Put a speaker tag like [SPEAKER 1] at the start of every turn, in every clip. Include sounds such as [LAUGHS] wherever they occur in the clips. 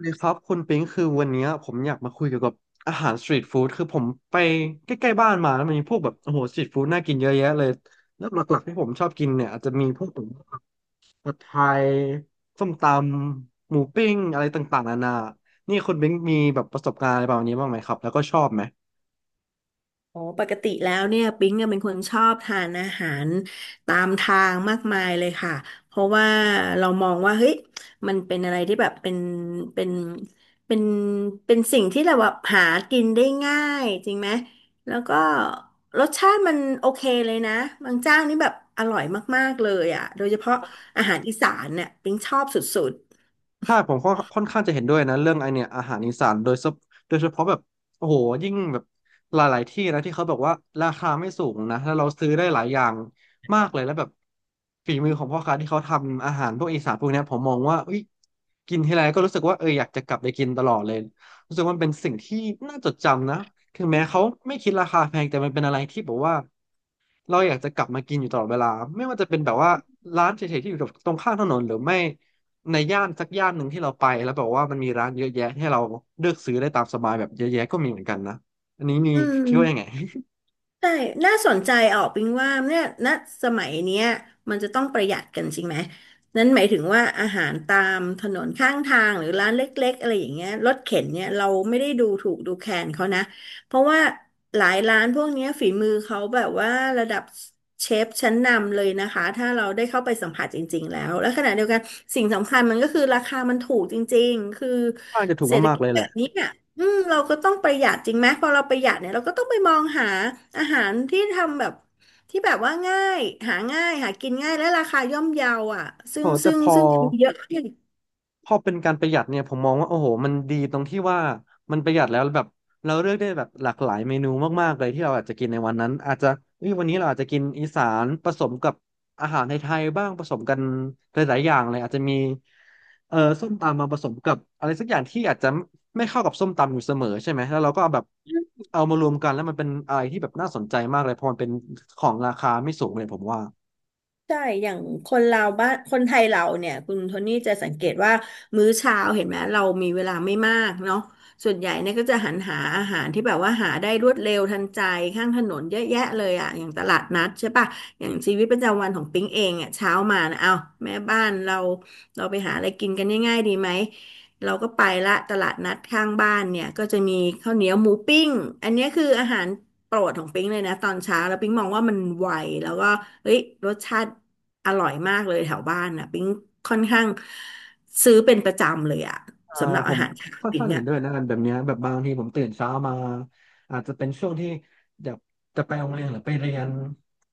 [SPEAKER 1] เลยครับคุณปิงคือวันเนี้ยผมอยากมาคุยเกี่ยวกับอาหารสตรีทฟู้ดคือผมไปใกล้ๆบ้านมาแล้วมันมีพวกแบบโอ้โหสตรีทฟู้ดน่ากินเยอะแยะเลยแล้วหลักๆที่ผมชอบกินเนี่ยอาจจะมีพวกแบบผัดไทยส้มตำหมูปิ้งอะไรต่างๆนานานี่คุณปิงมีแบบประสบการณ์อะไรแบบนี้บ้างไหมครับแล้วก็ชอบไหม
[SPEAKER 2] โอ้ปกติแล้วเนี่ยปิ๊งเนี่ยเป็นคนชอบทานอาหารตามทางมากมายเลยค่ะเพราะว่าเรามองว่าเฮ้ยมันเป็นอะไรที่แบบเป็นเป็นเป็นสิ่งที่เราแบบหากินได้ง่ายจริงไหมแล้วก็รสชาติมันโอเคเลยนะบางเจ้านี่แบบอร่อยมากๆเลยอ่ะโดยเฉพาะอาหารอีสานเนี่ยปิ๊งชอบสุด
[SPEAKER 1] ใช่ผมก็ค่อนข้างจะเห็นด้วยนะเรื่องไอเนี่ยอาหารอีสานโดยเฉพาะแบบโอ้โหยิ่งแบบหลายๆที่นะที่เขาแบบว่าราคาไม่สูงนะแล้วเราซื้อได้หลายอย่างมากเลยแล้วแบบฝีมือของพ่อค้าที่เขาทำอาหารพวกอีสานพวกเนี้ยผมมองว่าอุ้ยกินทีไรก็รู้สึกว่าเอออยากจะกลับไปกินตลอดเลยรู้สึกว่ามันเป็นสิ่งที่น่าจดจำนะถึงแม้เขาไม่คิดราคาแพงแต่มันเป็นอะไรที่แบบว่า เราอยากจะกลับมากินอยู่ตลอดเวลาไม่ว่าจะเป็นแบบว่าร้านเฉยๆที่อยู่ตรงข้างถนนหรือไม่ในย่านสักย่านหนึ่งที่เราไปแล้วแบบว่ามันมีร้านเยอะแยะให้เราเลือกซื้อได้ตามสบายแบบเยอะแยะก็มีเหมือนกันนะอันนี้มี
[SPEAKER 2] ๆอืม
[SPEAKER 1] คิดว่ายังไง
[SPEAKER 2] ใช่น่าสนใจออกปิงว่าเนี่ยณสมัยเนี้ยมันจะต้องประหยัดกันจริงไหม นั้นหมายถึงว่าอาหารตามถนนข้างทางหรือร้านเล็กๆอะไรอย่างเงี้ยรถเข็นเนี่ยเราไม่ได้ดูถูกดูแคลนเขานะเพราะว่าหลายร้านพวกเนี้ยฝีมือเขาแบบว่าระดับเชฟชั้นนำเลยนะคะถ้าเราได้เข้าไปสัมผัสจริงๆแล้ว และขณะเดียวกันสิ่งสำคัญมันก็คือราคามันถูกจริงๆคือ
[SPEAKER 1] [LAUGHS] ค่อนข้างจะถูก
[SPEAKER 2] เศรษฐ
[SPEAKER 1] มาก
[SPEAKER 2] กิ
[SPEAKER 1] ๆ
[SPEAKER 2] จ
[SPEAKER 1] เลย
[SPEAKER 2] แบ
[SPEAKER 1] แหละ
[SPEAKER 2] บนี้ อืมเราก็ต้องประหยัดจริงไหมพอเราประหยัดเนี่ยเราก็ต้องไปมองหาอาหารที่ทำแบบที่แบบว่าง่ายหาง่ายหากินง่ายและราคาย่อมเยาอ่ะซึ่
[SPEAKER 1] โอ้
[SPEAKER 2] ง
[SPEAKER 1] แต่
[SPEAKER 2] ซึ่ง
[SPEAKER 1] พอ
[SPEAKER 2] ซึ่งมีเยอะ
[SPEAKER 1] พอเป็นการประหยัดเนี่ยผมมองว่าโอ้โหมันดีตรงที่ว่ามันประหยัดแล้วแบบเราเลือกได้แบบหลากหลายเมนูมากๆเลยที่เราอาจจะกินในวันนั้นอาจจะเอ้ยวันนี้เราอาจจะกินอีสานผสมกับอาหารไทยๆบ้างผสมกันหลายๆอย่างเลยอาจจะมีส้มตำมาผสมกับอะไรสักอย่างที่อาจจะไม่เข้ากับส้มตำอยู่เสมอใช่ไหมแล้วเราก็เอาแบบเอามารวมกันแล้วมันเป็นอะไรที่แบบน่าสนใจมากเลยเพราะมันเป็นของราคาไม่สูงเลยผมว่า
[SPEAKER 2] ใช่ อย่างคนเราบ้านคนไทยเราเนี่ย คุณโทนี่จะสังเกตว่ามื้อเช้าเห็นไหม เรามีเวลาไม่มากเนาะส่วนใหญ่เนี่ยก็จะหันหาอาหารที่แบบว่าหาได้รวดเร็วทันใจข้างถนนเยอะแยะเลยอ่ะอย่างตลาดนัดใช่ปะอย่างชีวิตประจำวันของปิ๊งเองอ่ะเช้ามานะเอาแม่บ้านเราเราไปหาอะไรกินกันง่ายๆดีไหม เราก็ไปละตลาดนัดข้างบ้านเนี่ยก็จะมีข้าวเหนียวหมูปิ้งอันเนี้ยคืออาหารโปรดของปิ๊งเลยนะตอนเช้าแล้วปิ๊งมองว่ามันไวแล้วก็เฮ้ยรสชาติอร่อยมากเลยแถวบ้านน่ะปิ๊งค่อนข้างซื้อเป็นประจำเลยอะ
[SPEAKER 1] อ่า
[SPEAKER 2] สำหรับ
[SPEAKER 1] ผ
[SPEAKER 2] อา
[SPEAKER 1] ม
[SPEAKER 2] หารเช้า
[SPEAKER 1] ค่อน
[SPEAKER 2] ปิ๊
[SPEAKER 1] ข้า
[SPEAKER 2] ง
[SPEAKER 1] งเห็
[SPEAKER 2] อะ
[SPEAKER 1] นด้วยนะกันแบบเนี้ยแบบบางทีผมตื่นเช้ามาอาจจะเป็นช่วงที่แบบจะไปโรงเรียนหรือไปเรียน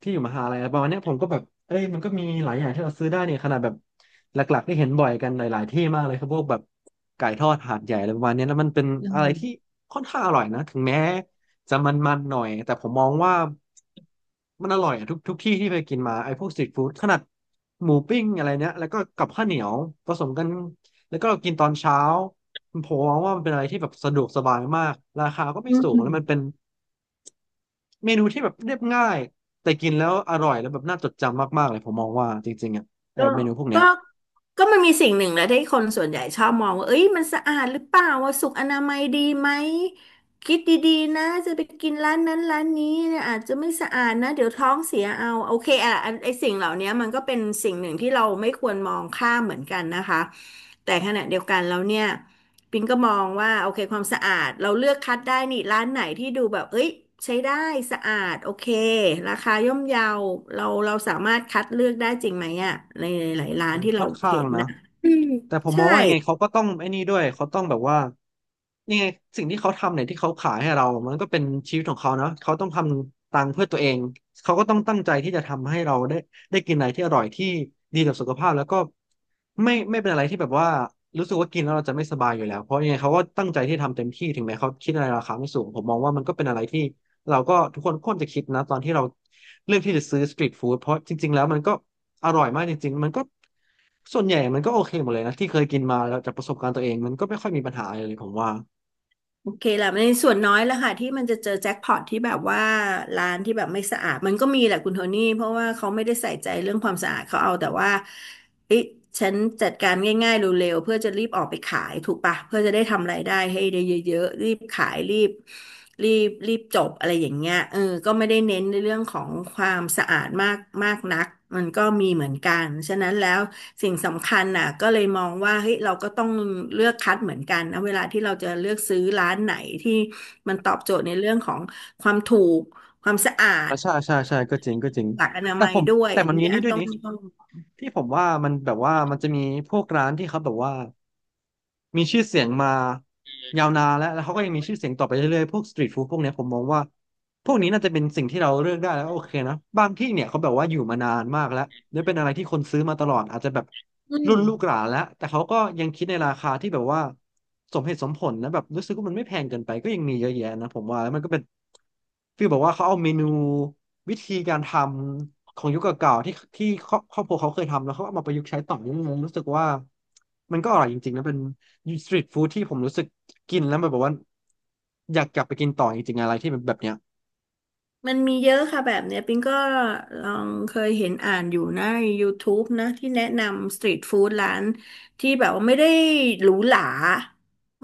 [SPEAKER 1] ที่อยู่มหาลัยอะไรประมาณเนี้ยผมก็แบบเอ้ยมันก็มีหลายอย่างที่เราซื้อได้เนี่ยขนาดแบบหลักๆที่เห็นบ่อยกันหลายๆที่มากเลยครับพวกแบบไก่ทอดหาดใหญ่อะไรประมาณเนี้ยแล้วมันเป็น
[SPEAKER 2] อื
[SPEAKER 1] อะไรที่
[SPEAKER 2] ม
[SPEAKER 1] ค่อนข้างอร่อยนะถึงแม้จะมันๆหน่อยแต่ผมมองว่ามันอร่อยอะทุกที่ที่ไปกินมาไอ้พวกสตรีทฟู้ดขนาดหมูปิ้งอะไรเนี้ยแล้วก็กับข้าวเหนียวผสมกัน แล้วก็เรากินตอนเช้าผมมองว่ามันเป็นอะไรที่แบบสะดวกสบายมากราคาก็ไม่
[SPEAKER 2] อื
[SPEAKER 1] สูงแล้วมัน
[SPEAKER 2] ม
[SPEAKER 1] เป็นเมนูที่แบบเรียบง่ายแต่กินแล้วอร่อยแล้วแบบน่าจดจำมากๆเลยผมมองว่าจริงๆอ่ะเออ
[SPEAKER 2] ก็
[SPEAKER 1] เมนูพวกเนี้
[SPEAKER 2] ก็
[SPEAKER 1] ย
[SPEAKER 2] ก็มันมีสิ่งหนึ่งแหละที่คนส่วนใหญ่ชอบมองว่าเอ้ยมันสะอาดหรือเปล่าว่าสุขอนามัยดีไหม คิดดีๆนะจะไปกินร้านนั้นร้านนี้เนี่ยอาจจะไม่สะอาดนะ เดี๋ยวท้องเสียเอา โอเคอ่ะอันไอ้สิ่งเหล่านี้มันก็เป็นสิ่งหนึ่งที่เราไม่ควรมองข้ามเหมือนกันนะคะ แต่ขณะเดียวกันแล้วเนี่ย ปิงก็มองว่าโอเคความสะอาดเราเลือกคัดได้นี่ร้านไหนที่ดูแบบเอ้ยใช้ได้สะอาดโอเคราคาย่อมเยาเราสามารถคัดเลือกได้จริงไหมอ่ะในหลายๆร้าน
[SPEAKER 1] ใช่
[SPEAKER 2] ที่
[SPEAKER 1] ค่
[SPEAKER 2] เรา
[SPEAKER 1] อนข้า
[SPEAKER 2] เห็
[SPEAKER 1] ง
[SPEAKER 2] น
[SPEAKER 1] นะ
[SPEAKER 2] นะอืม
[SPEAKER 1] แต่ผมม
[SPEAKER 2] ใช่
[SPEAKER 1] องว่ายังไงเขาก็ต้องไอ้นี่ด้วยเขาต้องแบบว่ายังไงสิ่งที่เขาทำเนี่ยที่เขาขายให้เรามันก็เป็นชีวิตของเขานะเขาต้องทำตังค์เพื่อตัวเองเขาก็ต้องตั้งใจที่จะทำให้เราได้ได้กินอะไรที่อร่อยที่ดีกับสุขภาพแล้วก็ไม่เป็นอะไรที่แบบว่ารู้สึกว่ากินแล้วเราจะไม่สบายอยู่แล้วเพราะยังไงเขาก็ตั้งใจที่ทำเต็มที่ถึงแม้เขาคิดอะไรราคาไม่สูงผมมองว่ามันก็เป็นอะไรที่เราก็ทุกคนควรจะคิดนะตอนที่เราเลือกที่จะซื้อสตรีทฟู้ดเพราะจริงๆแล้วมันก็ อร่อยมากจริงๆ มันก็ส่วนใหญ่มันก็โอเคหมดเลยนะที่เคยกินมาแล้วจากประสบการณ์ตัวเองมันก็ไม่ค่อยมีปัญหาอะไรเลยผมว่า
[SPEAKER 2] โอเคแหละในส่วนน้อยแหล้วค่ะที่มันจะเจอแจ็คพอตที่แบบว่าร้านที่แบบไม่สะอาดมันก็มีแหละคุณโทนี่เพราะว่าเขาไม่ได้ใส่ใจเรื่องความสะอาดเขาเอาแต่ว่าเอ๊ะฉันจัดการง่ายๆเร็วๆเพื่อจะรีบออกไปขายถูกปะเพื่อจะได้ทำรายได้ให้ได้เยอะๆรีบขายรีบจบอะไรอย่างเงี้ยเออก็ไม่ได้เน้นในเรื่องของความสะอาดมากมากนัก มันก็มีเหมือนกัน ฉะนั้นแล้วสิ่งสำคัญน่ะก็เลยมองว่าเฮ้ยเราก็ต้องเลือกคัดเหมือนกันนะเวลาที่เราจะเลือกซื้อร้านไหนที่มันตอบโจทย์ในเรื่องของความถูกความสะอาด
[SPEAKER 1] อ่ะใช่ใช่ใช่ก็จริงก็จริง
[SPEAKER 2] หลักอนา
[SPEAKER 1] แต่
[SPEAKER 2] มัย
[SPEAKER 1] ผม
[SPEAKER 2] ด้วย
[SPEAKER 1] แต่
[SPEAKER 2] อัน
[SPEAKER 1] มัน
[SPEAKER 2] นี้
[SPEAKER 1] มี
[SPEAKER 2] อั
[SPEAKER 1] นี่
[SPEAKER 2] น
[SPEAKER 1] ด้ว
[SPEAKER 2] ต้
[SPEAKER 1] ย
[SPEAKER 2] อง
[SPEAKER 1] นี่
[SPEAKER 2] ต้อง
[SPEAKER 1] ที่ผมว่ามันแบบว่ามันจะมีพวกร้านที่เขาแบบว่ามีชื่อเสียงมายาวนานแล้วเขาก็ยังมีชื่อเสียงต่อไปเรื่อยๆพวกสตรีทฟู้ดพวกเนี้ยผมมองว่าพวกนี้น่าจะเป็นสิ่งที่เราเลือกได้แล้วโอเคนะบางที่เนี่ยเขาแบบว่าอยู่มานานมากแล้วและเป็นอะไรที่คนซื้อมาตลอดอาจจะแบบ
[SPEAKER 2] อื
[SPEAKER 1] รุ่
[SPEAKER 2] ม
[SPEAKER 1] นลูกหลานแล้วแต่เขาก็ยังคิดในราคาที่แบบว่าสมเหตุสมผลนะแบบรู้สึกว่ามันไม่แพงเกินไปก็ยังมีเยอะแยะนะผมว่าแล้วมันก็เป็นฟีลแบบว่าเขาเอาเมนู วิธีการทำของยุคเก่าๆที่ครอบครัวเขาเคยทำแล้วเขาเอามาประยุกต์ใช้ต่อยังรู้สึกว่ามันก็อร่อยจริงๆนะเป็นสตรีทฟู้ดที่ผมรู้สึกกินแล้วมันแบบว่าอยากกลับไปกินต่อจริงๆอะไรที่แบบเนี้ย
[SPEAKER 2] มันมีเยอะค่ะแบบเนี้ยปิงก็ลองเคยเห็นอ่านอยู่นะใน YouTube นะที่แนะนำสตรีทฟู้ดร้านที่แบบว่าไม่ได้หรูหรา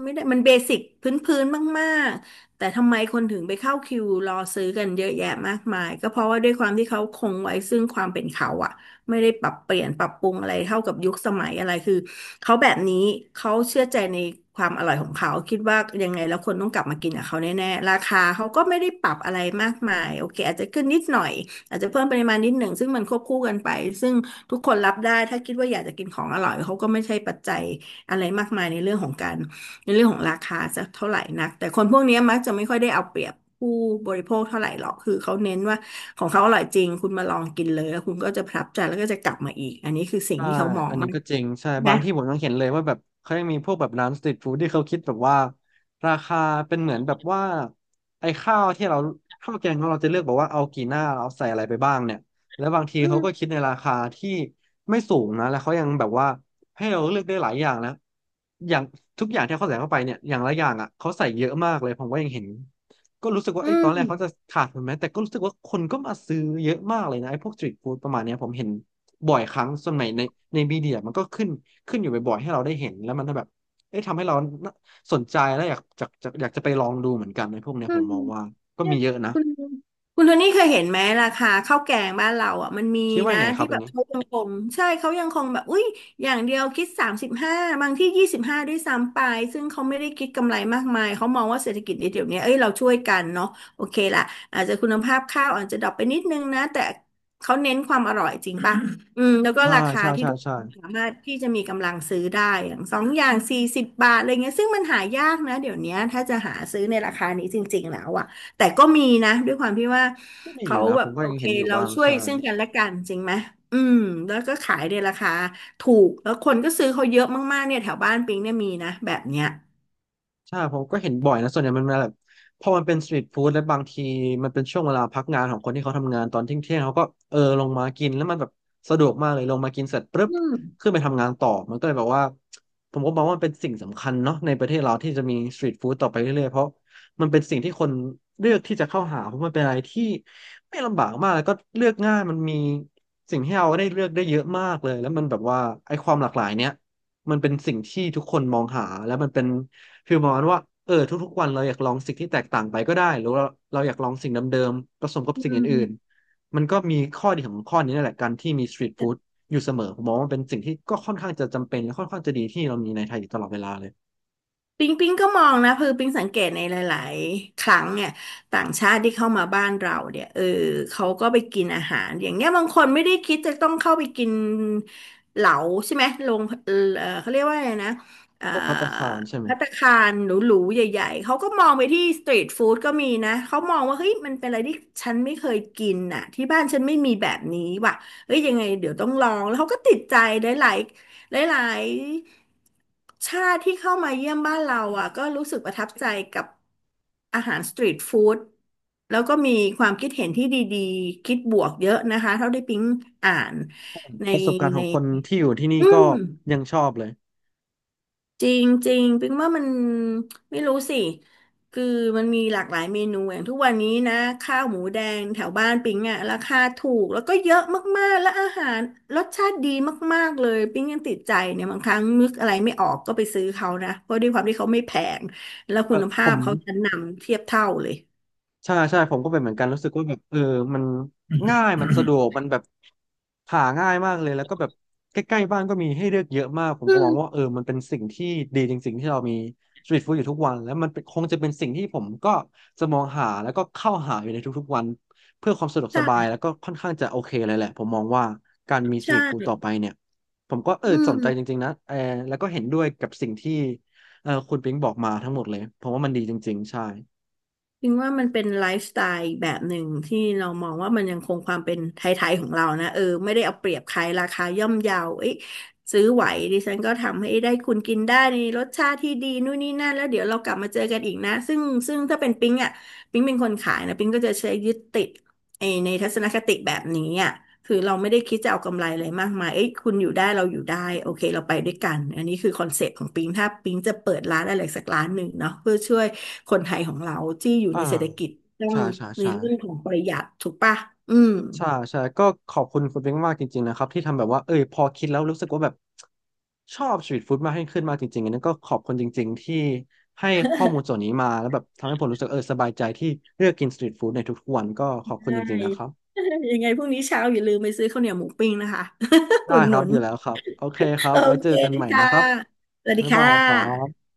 [SPEAKER 2] ไม่ได้มันเบสิกพื้นๆมากๆแต่ทำไมคนถึงไปเข้าคิวรอซื้อกันเยอะแยะมากมายก็เพราะว่าด้วยความที่เขาคงไว้ซึ่งความเป็นเขาอะ ไม่ได้ปรับเปลี่ยนปรับปรุงอะไรเท่ากับยุคสมัยอะไรคือเขาแบบนี้เขาเชื่อใจในความอร่อยของเขาคิดว่ายังไงแล้วคนต้องกลับมากินกับเขาแน่ๆราคาเขาก็ไม่ได้ปรับอะไรมากมายโอเคอาจจะขึ้นนิดหน่อยอาจจะเพิ่มปริมาณนิดหนึ่งซึ่งมันควบคู่กันไปซึ่งทุกคนรับได้ถ้าคิดว่าอยากจะกินของอร่อยเขาก็ไม่ใช่ปัจจัยอะไรมากมายในเรื่องของการ ในเรื่องของราคาจะเท่าไหร่นักแต่คนพวกเนี้ยมักจะไม่ค่อยได้เอาเปรียบผู้บริโภคเท่าไหร่หรอกคือเขาเน้นว่าของเขาอร่อยจริงคุณมาลองกินเลยแล้วคุณก็จะประทับใจแล้วก็จะกลับมาอีกอันนี้คือสิ่ง
[SPEAKER 1] ใช่
[SPEAKER 2] ที่เขามอ
[SPEAKER 1] อั
[SPEAKER 2] ง
[SPEAKER 1] นนี้
[SPEAKER 2] มาก
[SPEAKER 1] ก็จริงใช่บา
[SPEAKER 2] นะ
[SPEAKER 1] งที่ผมยังเห็นเลยว่าแบบเขายังมีพวกแบบร้านสตรีทฟู้ดที่เขาคิดแบบว่าราคาเป็นเหมือนแบบว่าไอ้ข้าวที่เราข้าวแกงของเราจะเลือกบอกว่าเอากี่หน้าเราใส่อะไรไปบ้างเนี่ยแล้วบางทีเขาก็คิดในราคาที่ไม่สูงนะแล้วเขายังแบบว่าให้เราเลือกได้หลายอย่างนะอย่างทุกอย่างที่เขาใส่เข้าไปเนี่ยอย่างละอย่างอ่ะเขาใส่เยอะมากเลยผมก็ยังเห็นก็รู้สึกว่า
[SPEAKER 2] อื
[SPEAKER 1] ไอ้ตอนแร
[SPEAKER 2] ม
[SPEAKER 1] กเขาจะขาดทุนไหมแต่ก็รู้สึกว่าคนก็มาซื้อเยอะมากเลยนะไอ้พวกสตรีทฟู้ดประมาณเนี้ยผมเห็น บ่อยครั้งสมัยในมีเดียมันก็ขึ้นอยู่บ่อยๆให้เราได้เห็นแล้วมันก็แบบเอ๊ะทำให้เราสนใจแล้วอยากจะอยากจะไปลองดูเหมือนกันในพวกเนี้ยผมมองว่าก็มีเยอะนะ
[SPEAKER 2] คุณโทนี่เคยเห็นไหมราคาข้าวแกงบ้านเราอ่ะมันมี
[SPEAKER 1] คิดว่า
[SPEAKER 2] นะ
[SPEAKER 1] ไงครั
[SPEAKER 2] ที่
[SPEAKER 1] บอ
[SPEAKER 2] แบ
[SPEAKER 1] ย่าง
[SPEAKER 2] บ
[SPEAKER 1] นี้
[SPEAKER 2] เขายังคงใช่เขายังคงแบบอุ้ยอย่างเดียวคิดสามสิบห้าบางที่ยี่สิบห้าด้วยซ้ำไปซึ่งเขาไม่ได้คิดกำไรมากมายเขามองว่าเศรษฐกิจในเดี๋ยวนี้เอ้ยเราช่วยกันเนาะโอเคละอาจจะคุณภาพข้าวอาจจะดรอปไปนิดนึงนะแต่เขาเน้นความอร่อยจริงป่ะอืมแล้วก็
[SPEAKER 1] อ่า
[SPEAKER 2] ราคา
[SPEAKER 1] ใช่
[SPEAKER 2] ที่
[SPEAKER 1] ใช่
[SPEAKER 2] ทุกค
[SPEAKER 1] ใช่
[SPEAKER 2] นสามารถที่จะมีกำลังซื้อได้อย่างสองอย่าง40 บาทอะไรเงี้ยซึ่งมันหายากนะเดี๋ยวนี้ถ้าจะหาซื้อในราคานี้จริงๆแล้วอะ แต่ก็มีนะด้วยความที่ว่า
[SPEAKER 1] ก็มีอ
[SPEAKER 2] เขา
[SPEAKER 1] ยู่นะ
[SPEAKER 2] แบ
[SPEAKER 1] ผ
[SPEAKER 2] บ
[SPEAKER 1] มก็
[SPEAKER 2] โอ
[SPEAKER 1] ยัง
[SPEAKER 2] เค
[SPEAKER 1] เห็นอยู่
[SPEAKER 2] เรา
[SPEAKER 1] บ้าง
[SPEAKER 2] ช่วย
[SPEAKER 1] ใช่
[SPEAKER 2] ซึ่งกันและกันจริงไหม อืมแล้วก็ขายในราคาถูกแล้วคนก็ซื้อเขาเยอะมากๆเนี่ยแถวบ้านปิงเนี่ยมีนะแบบเนี้ย
[SPEAKER 1] ใช่ผมก็เห็นบ่อยนะส่วนใหญ่มันมาแบบพอมันเป็นสตรีทฟู้ดและบางทีมันเป็นช่วงเวลาพักงานของคนที่เขาทำงานตอนเที่ยงเขาก็เออลงมากินแล้วมันแบบสะดวกมากเลยลงมากินเสร็จปุ๊บขึ้นไปทำงานต่อมันก็เลยแบบว่าผมก็มองว่ามันเป็นสิ่งสำคัญเนาะในประเทศเราที่จะมีสตรีทฟู้ดต่อไปเรื่อยๆเพราะมันเป็นสิ่งที่คนเลือกที่จะเข้าหาเพราะมันเป็นอะไรที่ไม่ลำบากมากแล้วก็เลือกง่ายมันมีสิ่งให้เราได้เลือกได้เยอะมากเลยแล้วมันแบบว่าไอ้ความหลากหลายเนี้ยมันเป็นสิ่งที่ทุกคนมองหาและมันเป็น คือประมาณว่าเออทุกๆวันเราอยากลองสิ่งที่แตกต่างไปก็ได้หรือเราอยากลองสิ่งเดิมๆผสมกับ
[SPEAKER 2] อื
[SPEAKER 1] สิ่งอื่น
[SPEAKER 2] ม
[SPEAKER 1] ๆมันก็มีข้อดีของข้อนี้นั่นแหละการที่มีสตรีทฟู้ดอยู่เสมอผมมองว่ามันเป็นสิ่งที่ก็ค่อนข้างจะจำเป็นและค่อนข้างจะดีที่เรามีในไทยอยู่ตลอดเวลาเลย
[SPEAKER 2] ปิงก็มองนะคือปิงสังเกตในหลายๆครั้งเนี่ยต่างชาติที่เข้ามาบ้านเราเนี่ยเออเขาก็ไปกินอาหารอย่างเงี้ยบางคนไม่ได้คิดจะต้องเข้าไปกินเหลาใช่ไหมลงเออเขาเรียกว่าอะไรนะเอ่อ
[SPEAKER 1] พวกภัตตาคารใช่ไหม
[SPEAKER 2] ภัตตาคารหรูๆใหญ่ๆเขาก็มองไปที่สตรีทฟู้ดก็มีนะเขามองว่าเฮ้ยมันเป็นอะไรที่ฉันไม่เคยกินน่ะที่บ้านฉันไม่มีแบบนี้ว่ะเฮ้ยยังไงเดี๋ยวต้องลองแล้วเขาก็ติดใจหลาย หลายๆชาติที่เข้ามาเยี่ยมบ้านเราอ่ะก็รู้สึกประทับใจกับอาหารสตรีทฟู้ดแล้วก็มีความคิดเห็นที่ดีๆคิดบวกเยอะนะคะเท่าที่ปิ๊งอ่านใน
[SPEAKER 1] ประสบการณ์ข
[SPEAKER 2] ใน
[SPEAKER 1] องคนที่อยู่ที่นี่
[SPEAKER 2] อื
[SPEAKER 1] ก็
[SPEAKER 2] ม
[SPEAKER 1] ยังชอบเลย
[SPEAKER 2] จริงจริงปิงว่ามันไม่รู้สิคือมันมีหลากหลายเมนูอย่างทุกวันนี้นะข้าวหมูแดงแถวบ้านปิงอ่ะราคาถูกแล้วก็เยอะมากๆและอาหารรสชาติดีมากๆเลยปิงยังติดใจเนี่ยบางครั้งนึกอะไรไม่ออกก็ไปซื้อเขานะเพราะด้วยความที่เขาไม่แพงแล้วคุณ
[SPEAKER 1] ผ
[SPEAKER 2] ภาพ
[SPEAKER 1] ม
[SPEAKER 2] เขาชั้นนำเทียบเท่าเลย
[SPEAKER 1] ใช่ใช่ผมก็เป็นเหมือนกันรู้สึกว่าแบบเออมันง่ายมันสะดวกมันแบบหาง่ายมากเลยแล้วก็แบบใกล้ๆบ้านก็มีให้เลือกเยอะมากผม
[SPEAKER 2] อื
[SPEAKER 1] ก็ม
[SPEAKER 2] ม
[SPEAKER 1] องว่าเออมันเป็นสิ่งที่ดีจริงๆที่เรามีสตรีทฟู้ดอยู่ทุกวันแล้วมันเป็นคงจะเป็นสิ่งที่ผมก็จะมองหาแล้วก็เข้าหาอยู่ในทุกๆวันเพื่อความสะดวกสบาย
[SPEAKER 2] ใช่
[SPEAKER 1] แล้วก็ค่อนข้างจะโอเคเลยแหละผมมองว่าการมีสตรีทฟู้ดต่
[SPEAKER 2] ใช่
[SPEAKER 1] อไปเนี่ยผมก็เออ
[SPEAKER 2] อื
[SPEAKER 1] สนใจจ
[SPEAKER 2] ม
[SPEAKER 1] ริงๆนะเออแล้วก็เห็นด้วยกับสิ่งที่เออคุณปิงบอกมาทั้งหมดเลยผมว่ามันดีจริงๆใช่
[SPEAKER 2] จริงว่ามันเป็นไลฟ์สไตล์แบบหนึ่งที่เรามองว่ามันยังคงความเป็นไทยๆของเรานะเออไม่ได้เอาเปรียบใครราคาย่อมเยาเอ้ยซื้อไหวดิฉันก็ทำให้ได้คุณกินได้ในรสชาติที่ดีนู่นนี่นั่นแล้วเดี๋ยวเรากลับมาเจอกันอีกนะซึ่งถ้าเป็นปิ๊งอ่ะปิ๊งเป็นคนขายนะปิ๊งก็จะใช้ยึดติดไอในทัศนคติแบบนี้อ่ะ คือเราไม่ได้คิดจะเอากำไรอะไรมากมายเอ้ยคุณอยู่ได้เราอยู่ได้โอเคเราไปด้วยกันอันนี้คือคอนเซ็ปต์ของปิงถ้าปิงจะเปิดร้านอะไรสักร้านหนึ่งเนาะเพื่อช่วยคนไทยของเราที่อยู่
[SPEAKER 1] อ่า
[SPEAKER 2] ในเศรษฐกิจต้อง
[SPEAKER 1] ใช่ใช่
[SPEAKER 2] ใน
[SPEAKER 1] ใช่
[SPEAKER 2] เรื่องของประหยัดถูกปะอืม
[SPEAKER 1] ใช่ใช่ก็ขอบคุณคุณเบ้งมากจริงๆนะครับที่ทำแบบว่าเออพอคิดแล้วรู้สึกว่าแบบชอบสตรีทฟู้ดมากยิ่งขึ้นมากจริงๆอันนี้ก็ขอบคุณจริงๆที่ให้ข้อมูลส่วนนี้มาแล้วแบบทำให้ผมรู้สึกเออสบายใจที่เลือกกินสตรีทฟู้ดในทุกๆวันก็ขอบคุณ
[SPEAKER 2] ใช่
[SPEAKER 1] จริงๆนะครับ
[SPEAKER 2] [LAUGHS] ยังไงพรุ่งนี้เช้าอย่าลืมไปซื้อข้าวเหนียวหมูปิ้งนะคะ [LAUGHS]
[SPEAKER 1] ได้
[SPEAKER 2] อุด
[SPEAKER 1] ค
[SPEAKER 2] ห
[SPEAKER 1] รั
[SPEAKER 2] นุ
[SPEAKER 1] บอ
[SPEAKER 2] น
[SPEAKER 1] ยู่แล้วครับโอเคครับ
[SPEAKER 2] โอ
[SPEAKER 1] ไว้เจ
[SPEAKER 2] เค
[SPEAKER 1] อกันใหม่
[SPEAKER 2] ค่ะ
[SPEAKER 1] นะครับ
[SPEAKER 2] สวัสดี
[SPEAKER 1] บ๊าย
[SPEAKER 2] ค่
[SPEAKER 1] บายครั
[SPEAKER 2] ะ
[SPEAKER 1] บ